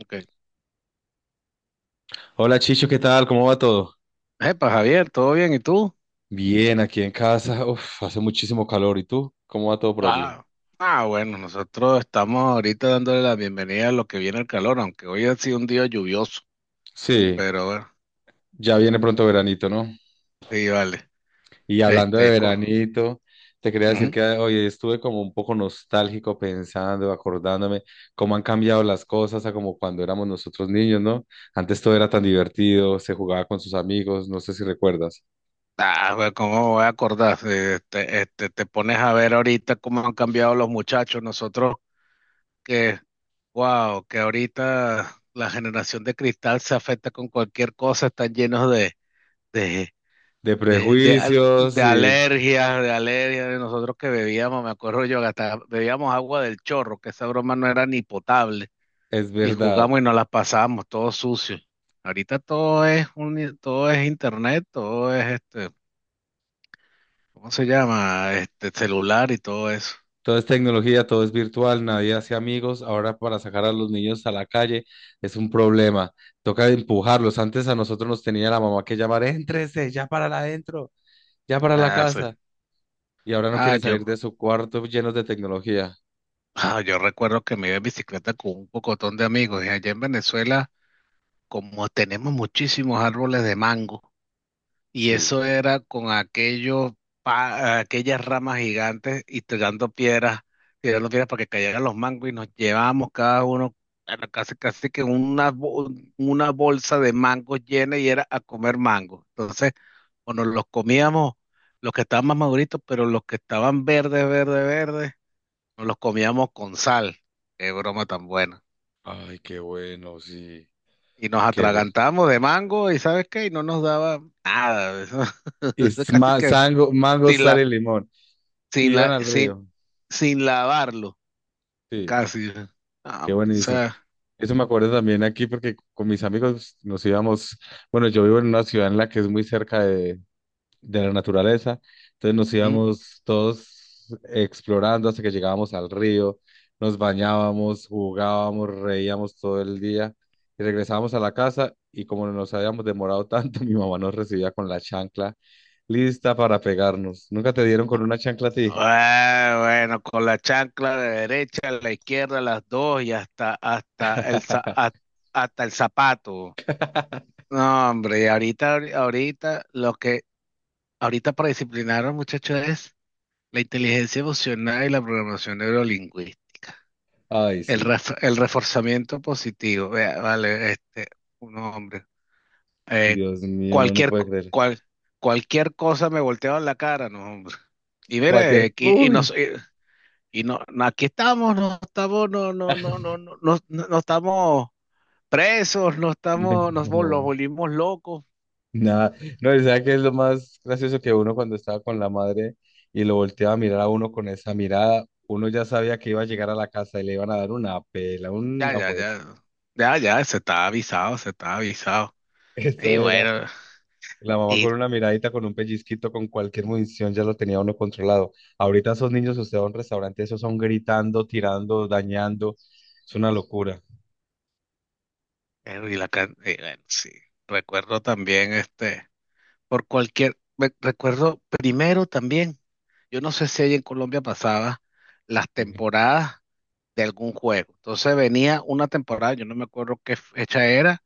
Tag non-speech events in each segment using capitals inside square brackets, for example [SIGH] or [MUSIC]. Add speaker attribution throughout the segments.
Speaker 1: Okay.
Speaker 2: Hola Chicho, ¿qué tal? ¿Cómo va todo?
Speaker 1: Epa, Javier, ¿todo bien? ¿Y tú?
Speaker 2: Bien, aquí en casa. Uf, hace muchísimo calor. ¿Y tú? ¿Cómo va todo por allí?
Speaker 1: Ah, bueno, nosotros estamos ahorita dándole la bienvenida a lo que viene el calor, aunque hoy ha sido un día lluvioso,
Speaker 2: Sí,
Speaker 1: pero bueno,
Speaker 2: ya viene pronto veranito, ¿no?
Speaker 1: sí, vale.
Speaker 2: Y hablando de
Speaker 1: Este, co-
Speaker 2: veranito, te quería decir
Speaker 1: ujú.
Speaker 2: que hoy estuve como un poco nostálgico pensando, acordándome cómo han cambiado las cosas a como cuando éramos nosotros niños, ¿no? Antes todo era tan divertido, se jugaba con sus amigos, no sé si recuerdas.
Speaker 1: Ah, bueno, ¿cómo me voy a acordar? Te pones a ver ahorita cómo han cambiado los muchachos. Nosotros que, wow, que ahorita la generación de cristal se afecta con cualquier cosa, están llenos de,
Speaker 2: De prejuicios, sí,
Speaker 1: De alergias, de nosotros que bebíamos, me acuerdo yo, que hasta bebíamos agua del chorro, que esa broma no era ni potable,
Speaker 2: es
Speaker 1: y
Speaker 2: verdad.
Speaker 1: jugamos y nos las pasábamos todo sucio. Ahorita todo es internet, todo es ¿cómo se llama? Este celular y todo eso.
Speaker 2: Todo es tecnología, todo es virtual, nadie hace amigos. Ahora para sacar a los niños a la calle es un problema. Toca empujarlos. Antes a nosotros nos tenía la mamá que llamar, éntrese, ya para adentro, ya para la
Speaker 1: Ah, sí.
Speaker 2: casa. Y ahora no
Speaker 1: Ah,
Speaker 2: quieren
Speaker 1: yo,
Speaker 2: salir de su cuarto llenos de tecnología.
Speaker 1: [LAUGHS] ah, yo recuerdo que me iba en bicicleta con un pocotón de amigos, y allá en Venezuela, como tenemos muchísimos árboles de mango. Y
Speaker 2: Sí.
Speaker 1: eso era con aquellos, pa- Aquellas ramas gigantes y tirando piedras para que cayeran los mangos y nos llevábamos cada uno era casi, casi que una, bo- una bolsa de mangos llena y era a comer mangos. Entonces, o nos los comíamos los que estaban más maduritos, pero los que estaban verdes, verdes, verdes, nos los comíamos con sal. Qué broma tan buena.
Speaker 2: Ay, qué bueno, sí.
Speaker 1: Y nos
Speaker 2: Qué rico.
Speaker 1: atragantábamos de mango y ¿sabes qué? Y no nos daba nada. [LAUGHS] eso
Speaker 2: Y es
Speaker 1: casi que...
Speaker 2: mango,
Speaker 1: Si
Speaker 2: sal
Speaker 1: la,
Speaker 2: y limón. Y
Speaker 1: sin
Speaker 2: iban
Speaker 1: la,
Speaker 2: al
Speaker 1: sin,
Speaker 2: río.
Speaker 1: sin lavarlo,
Speaker 2: Sí,
Speaker 1: casi. Ah,
Speaker 2: qué
Speaker 1: hombre, o
Speaker 2: buenísimo.
Speaker 1: sea,
Speaker 2: Eso me acuerdo también aquí porque con mis amigos nos íbamos, bueno, yo vivo en una ciudad en la que es muy cerca de la naturaleza. Entonces nos
Speaker 1: ¿Mm?
Speaker 2: íbamos todos explorando hasta que llegábamos al río, nos bañábamos, jugábamos, reíamos todo el día y regresábamos a la casa y como nos habíamos demorado tanto, [LAUGHS] mi mamá nos recibía con la chancla lista para pegarnos. ¿Nunca te dieron con una chancla a ti?
Speaker 1: Ah, bueno, con la chancla de derecha, a la izquierda, las dos y hasta
Speaker 2: [LAUGHS]
Speaker 1: hasta el zapato. No, hombre, ahorita para disciplinar a los muchachos es la inteligencia emocional y la programación neurolingüística.
Speaker 2: Ay,
Speaker 1: El,
Speaker 2: sí.
Speaker 1: ref- el reforzamiento positivo. Vea, vale, un hombre. Eh,
Speaker 2: Dios mío, no lo
Speaker 1: cualquier,
Speaker 2: puede
Speaker 1: co-
Speaker 2: creer.
Speaker 1: cual, Cualquier cosa me volteaban la cara, no, [LAUGHS] hombre. Y mira,
Speaker 2: Cualquier...
Speaker 1: que- y,
Speaker 2: Uy.
Speaker 1: nos, Y no, no, aquí estamos, no, no, no,
Speaker 2: [LAUGHS]
Speaker 1: no, no, no, no- no estamos presos, no estamos, nos, vol- nos
Speaker 2: No.
Speaker 1: volvimos locos.
Speaker 2: Nada, no, y ¿sabe qué es lo más gracioso que uno cuando estaba con la madre y lo volteaba a mirar a uno con esa mirada? Uno ya sabía que iba a llegar a la casa y le iban a dar una pela,
Speaker 1: Ya,
Speaker 2: una
Speaker 1: ya,
Speaker 2: jueza.
Speaker 1: ya, ya, se está avisado, se está avisado.
Speaker 2: [LAUGHS] Eso
Speaker 1: Y
Speaker 2: era.
Speaker 1: bueno,
Speaker 2: La mamá
Speaker 1: y,
Speaker 2: con una miradita, con un pellizquito, con cualquier munición ya lo tenía uno controlado. Ahorita esos niños, usted va a un restaurante, esos son gritando, tirando, dañando. Es una locura.
Speaker 1: y la, can- y bueno, sí, recuerdo también recuerdo primero también. Yo no sé si ahí en Colombia pasaba las
Speaker 2: Sí,
Speaker 1: temporadas de algún juego. Entonces venía una temporada, yo no me acuerdo qué fecha era,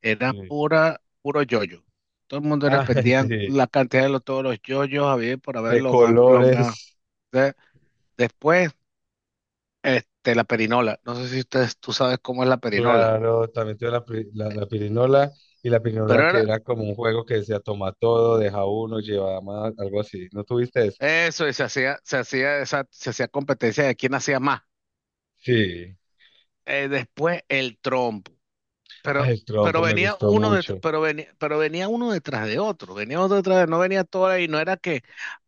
Speaker 1: era
Speaker 2: sí.
Speaker 1: puro yoyo. Todo el mundo era
Speaker 2: [LAUGHS] Ay,
Speaker 1: pendían
Speaker 2: sí,
Speaker 1: la cantidad de los, todos los yoyos, había por haber
Speaker 2: de
Speaker 1: los más, los más.
Speaker 2: colores.
Speaker 1: De- Después, este, la perinola. No sé si ustedes, tú sabes cómo es la perinola.
Speaker 2: Claro, también tuve la pirinola y la
Speaker 1: Pero
Speaker 2: pirinola que
Speaker 1: era
Speaker 2: era como un juego que decía toma todo, deja uno, lleva más, algo así. ¿No tuviste eso?
Speaker 1: eso, y se hacía competencia de quién hacía más.
Speaker 2: Sí.
Speaker 1: Después el trompo.
Speaker 2: Ay,
Speaker 1: Pero,
Speaker 2: el trompo me gustó mucho.
Speaker 1: pero venía uno detrás de otro, venía otro detrás de, no venía todo y no era que,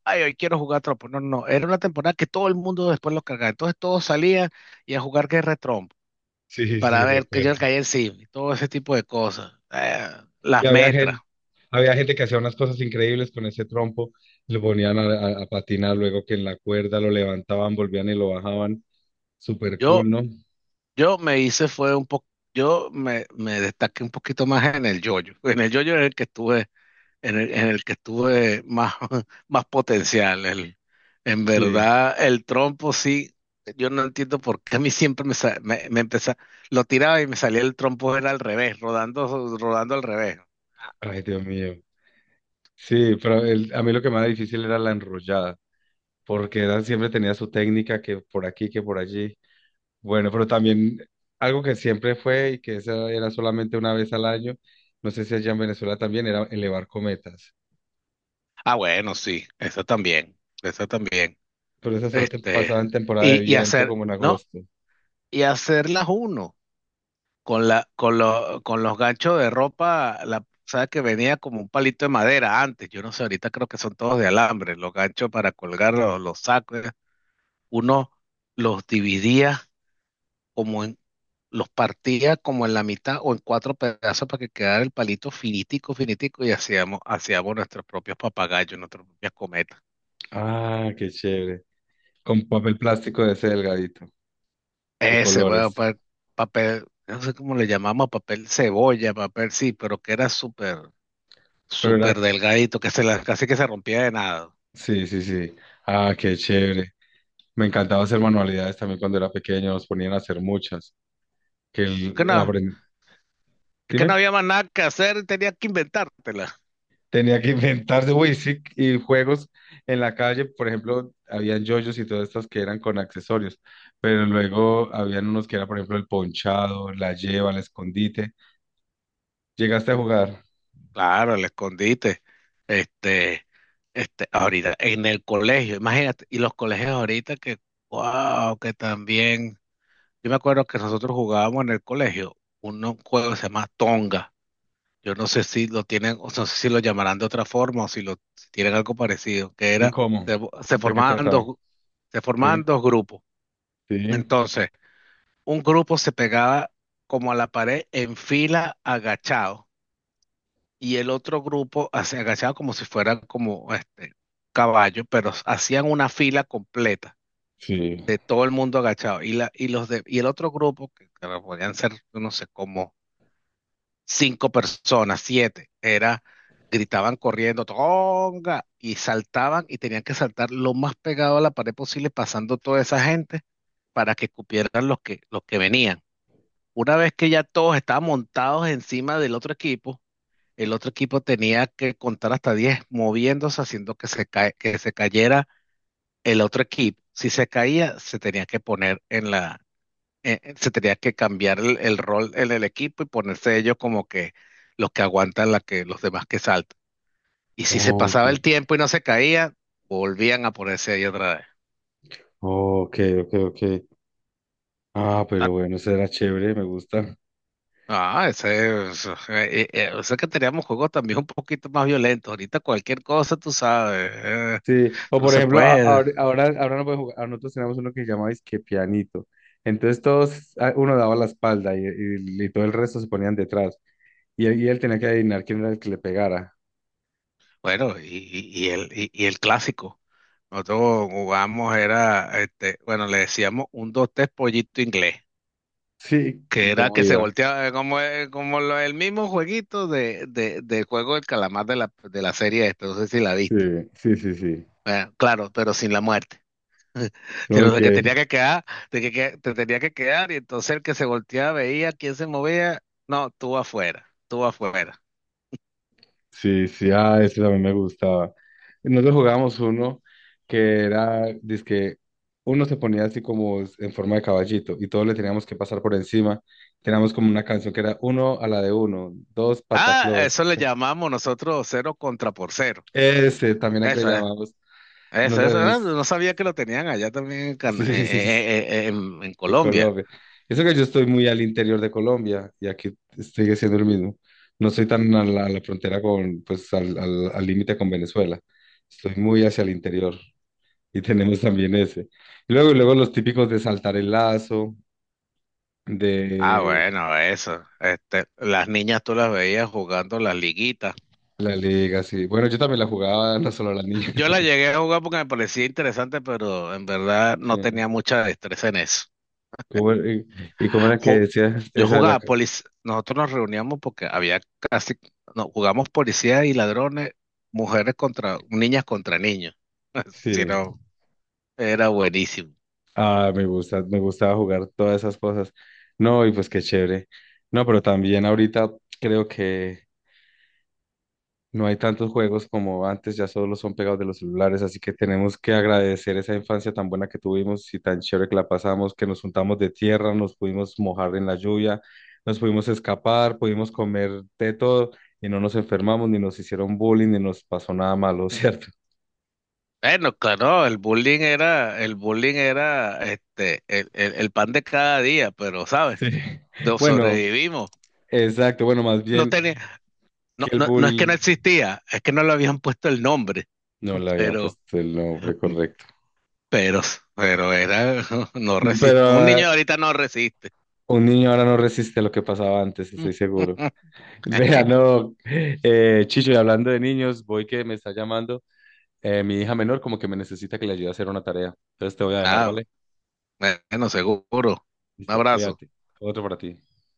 Speaker 1: ay, hoy quiero jugar trompo. No, no, no, era una temporada que todo el mundo después lo cargaba. Entonces todos salían y a jugar guerra de trompo
Speaker 2: Sí, sí,
Speaker 1: para ver que yo
Speaker 2: recuerdo.
Speaker 1: le caía encima y todo ese tipo de cosas.
Speaker 2: Y
Speaker 1: Las
Speaker 2: había
Speaker 1: metras.
Speaker 2: gente, Había gente que hacía unas cosas increíbles con ese trompo, lo ponían a, a patinar, luego que en la cuerda lo levantaban, volvían y lo bajaban. Súper cool,
Speaker 1: Yo,
Speaker 2: ¿no?
Speaker 1: yo me hice fue un poco, yo me destaqué un poquito más en el yoyo. En el yoyo es el que estuve en el que estuve más, [LAUGHS] más potencial. En
Speaker 2: Sí.
Speaker 1: verdad, el trompo sí, yo no entiendo por qué a mí siempre me lo tiraba y me salía el trompo era al revés, rodando, rodando al revés.
Speaker 2: Ay, Dios mío. Sí, pero a mí lo que más difícil era la enrollada, porque Dan siempre tenía su técnica que por aquí, que por allí. Bueno, pero también algo que siempre fue y que esa era solamente una vez al año, no sé si allá en Venezuela también, era elevar cometas.
Speaker 1: Ah, bueno, sí, eso también, eso también.
Speaker 2: Pero esa solo te
Speaker 1: Este,
Speaker 2: pasaba en temporada de
Speaker 1: y
Speaker 2: viento,
Speaker 1: hacer,
Speaker 2: como en
Speaker 1: no,
Speaker 2: agosto.
Speaker 1: Y hacerlas uno, con los ganchos de ropa, la, sabes que venía como un palito de madera antes, yo no sé, ahorita creo que son todos de alambre, los ganchos para colgar los sacos. Uno los dividía como en, los partía como en la mitad o en cuatro pedazos para que quedara el palito finitico, finitico y hacíamos, hacíamos nuestros propios papagayos, nuestras propias cometas.
Speaker 2: Ah, qué chévere. Con papel plástico de ese delgadito, de
Speaker 1: Ese, bueno,
Speaker 2: colores.
Speaker 1: pa- Papel, no sé cómo le llamamos, papel cebolla, papel sí, pero que era súper
Speaker 2: Pero
Speaker 1: súper
Speaker 2: era,
Speaker 1: delgadito, que casi que se rompía de nada.
Speaker 2: sí, sí, sí. Ah, qué chévere. Me encantaba hacer manualidades también cuando era pequeño, nos ponían a hacer muchas. Que
Speaker 1: Es
Speaker 2: el,
Speaker 1: que no,
Speaker 2: aprend-
Speaker 1: es que no
Speaker 2: Dime.
Speaker 1: había más nada que hacer, y tenía que inventártela.
Speaker 2: Tenía que inventarse, uy, sí, y juegos en la calle, por ejemplo, habían yoyos y todas estas que eran con accesorios, pero luego habían unos que era, por ejemplo, el ponchado, la lleva, el escondite. ¿Llegaste a jugar?
Speaker 1: Claro, el escondite. Este, ahorita, en el colegio, imagínate, y los colegios ahorita wow, que también. Yo me acuerdo que nosotros jugábamos en el colegio un juego que se llama Tonga. Yo no sé si lo tienen, o sea, no sé si lo llamarán de otra forma o si lo si tienen algo parecido, que
Speaker 2: ¿Y
Speaker 1: era,
Speaker 2: cómo?
Speaker 1: se, se
Speaker 2: ¿De qué
Speaker 1: formaban
Speaker 2: trataba?
Speaker 1: dos, se
Speaker 2: Sí,
Speaker 1: formaban dos grupos.
Speaker 2: sí,
Speaker 1: Entonces, un grupo se pegaba como a la pared en fila agachado y el otro grupo hacía- agachado como si fuera como este caballo, pero hacían una fila completa
Speaker 2: sí.
Speaker 1: de todo el mundo agachado y la y los de y el otro grupo que claro, podían ser no sé como cinco personas, siete, era gritaban corriendo tonga y saltaban y tenían que saltar lo más pegado a la pared posible pasando toda esa gente para que cupieran los que venían. Una vez que ya todos estaban montados encima del otro equipo, el otro equipo tenía que contar hasta 10 moviéndose, haciendo que se cayera el otro equipo. Si se caía, se tenía que poner en se tenía que cambiar el rol en el equipo y ponerse ellos como que los que aguantan la que, los demás que saltan. Y si se
Speaker 2: Ok,
Speaker 1: pasaba el tiempo y no se caía, volvían a ponerse ahí otra vez.
Speaker 2: ok, ok, ok. Ah, pero bueno, eso era chévere, me gusta.
Speaker 1: O sea que teníamos juegos también un poquito más violentos. Ahorita cualquier cosa, tú sabes,
Speaker 2: Sí, o
Speaker 1: eso no
Speaker 2: por
Speaker 1: se
Speaker 2: ejemplo,
Speaker 1: puede.
Speaker 2: ahora no puede jugar, ahora nosotros tenemos uno que se llama que pianito. Entonces todos, ah, uno daba la espalda y todo el resto se ponían detrás. Y él tenía que adivinar quién era el que le pegara. [LAUGHS]
Speaker 1: Bueno, y el clásico. Nosotros jugamos, era, este, bueno, le decíamos un, dos, tres pollito inglés,
Speaker 2: Sí,
Speaker 1: que
Speaker 2: y
Speaker 1: era
Speaker 2: cómo
Speaker 1: que se
Speaker 2: iba.
Speaker 1: volteaba como, el mismo jueguito del juego del calamar de de la serie esta, no sé si la
Speaker 2: Sí,
Speaker 1: viste.
Speaker 2: sí, sí, sí.
Speaker 1: Bueno, claro, pero sin la muerte. [LAUGHS] Pero
Speaker 2: Ok.
Speaker 1: de que tenía que quedar, de que- Te tenía que quedar, y entonces el que se volteaba veía quién se movía. No, tú afuera, tú afuera.
Speaker 2: Sí, sí, ah, ese también me gustaba. Nosotros jugábamos uno que era, dizque, uno se ponía así como en forma de caballito y todos le teníamos que pasar por encima. Teníamos como una canción que era uno a la de uno, dos
Speaker 1: Ah,
Speaker 2: pataclos,
Speaker 1: eso le
Speaker 2: tres.
Speaker 1: llamamos nosotros cero contra por cero.
Speaker 2: Ese también a que le
Speaker 1: Eso es,
Speaker 2: llamamos. Nosotros
Speaker 1: Eso. Ah,
Speaker 2: sabemos.
Speaker 1: No sabía que lo tenían allá también
Speaker 2: Sí, [LAUGHS] sí, sí, sí,
Speaker 1: En
Speaker 2: en
Speaker 1: Colombia.
Speaker 2: Colombia. Eso que yo estoy muy al interior de Colombia y aquí sigue siendo el mismo. No estoy tan a a la frontera con, pues, al límite con Venezuela. Estoy muy hacia el interior. Y tenemos también ese. Y luego los típicos de saltar el lazo,
Speaker 1: Ah,
Speaker 2: de
Speaker 1: bueno, eso. Este, las niñas tú las veías jugando las liguitas.
Speaker 2: la liga, sí. Bueno, yo también la jugaba, [LAUGHS] no solo las niñas.
Speaker 1: Yo las
Speaker 2: [LAUGHS]
Speaker 1: llegué a jugar porque me parecía interesante, pero en verdad no
Speaker 2: Sí.
Speaker 1: tenía mucha destreza en eso.
Speaker 2: ¿Cómo era- y, ¿y cómo era que
Speaker 1: Ju-
Speaker 2: decías
Speaker 1: Yo
Speaker 2: esa de la...
Speaker 1: jugaba
Speaker 2: ca-
Speaker 1: policía, nosotros nos reuníamos porque había casi, no, jugamos policía y ladrones, niñas contra niños,
Speaker 2: Sí.
Speaker 1: sino era buenísimo.
Speaker 2: Ah, me gusta, me gustaba jugar todas esas cosas. No, y pues qué chévere. No, pero también ahorita creo que no hay tantos juegos como antes, ya solo son pegados de los celulares, así que tenemos que agradecer esa infancia tan buena que tuvimos y tan chévere que la pasamos, que nos juntamos de tierra, nos pudimos mojar en la lluvia, nos pudimos escapar, pudimos comer de todo y no nos enfermamos, ni nos hicieron bullying, ni nos pasó nada malo, ¿cierto?
Speaker 1: Bueno, claro, el bullying era el pan de cada día, pero ¿sabes?
Speaker 2: Sí. [LAUGHS]
Speaker 1: Lo
Speaker 2: Bueno,
Speaker 1: sobrevivimos.
Speaker 2: exacto, bueno, más
Speaker 1: No
Speaker 2: bien
Speaker 1: tenía,
Speaker 2: que el
Speaker 1: no, no
Speaker 2: bull
Speaker 1: es que no existía, es que no le habían puesto el nombre,
Speaker 2: no le habían
Speaker 1: pero,
Speaker 2: puesto el nombre correcto.
Speaker 1: pero, pero era, [LAUGHS] no resiste, un
Speaker 2: Pero
Speaker 1: niño
Speaker 2: eh,
Speaker 1: de ahorita no resiste.
Speaker 2: un niño ahora no resiste lo que pasaba antes, estoy seguro.
Speaker 1: [LAUGHS]
Speaker 2: Vea, no, Chicho, y hablando de niños, voy que me está llamando mi hija menor, como que me necesita que le ayude a hacer una tarea. Entonces te voy a dejar,
Speaker 1: Ah,
Speaker 2: ¿vale?
Speaker 1: bueno, seguro. Un
Speaker 2: Listo,
Speaker 1: abrazo.
Speaker 2: cuídate. Otro para ti.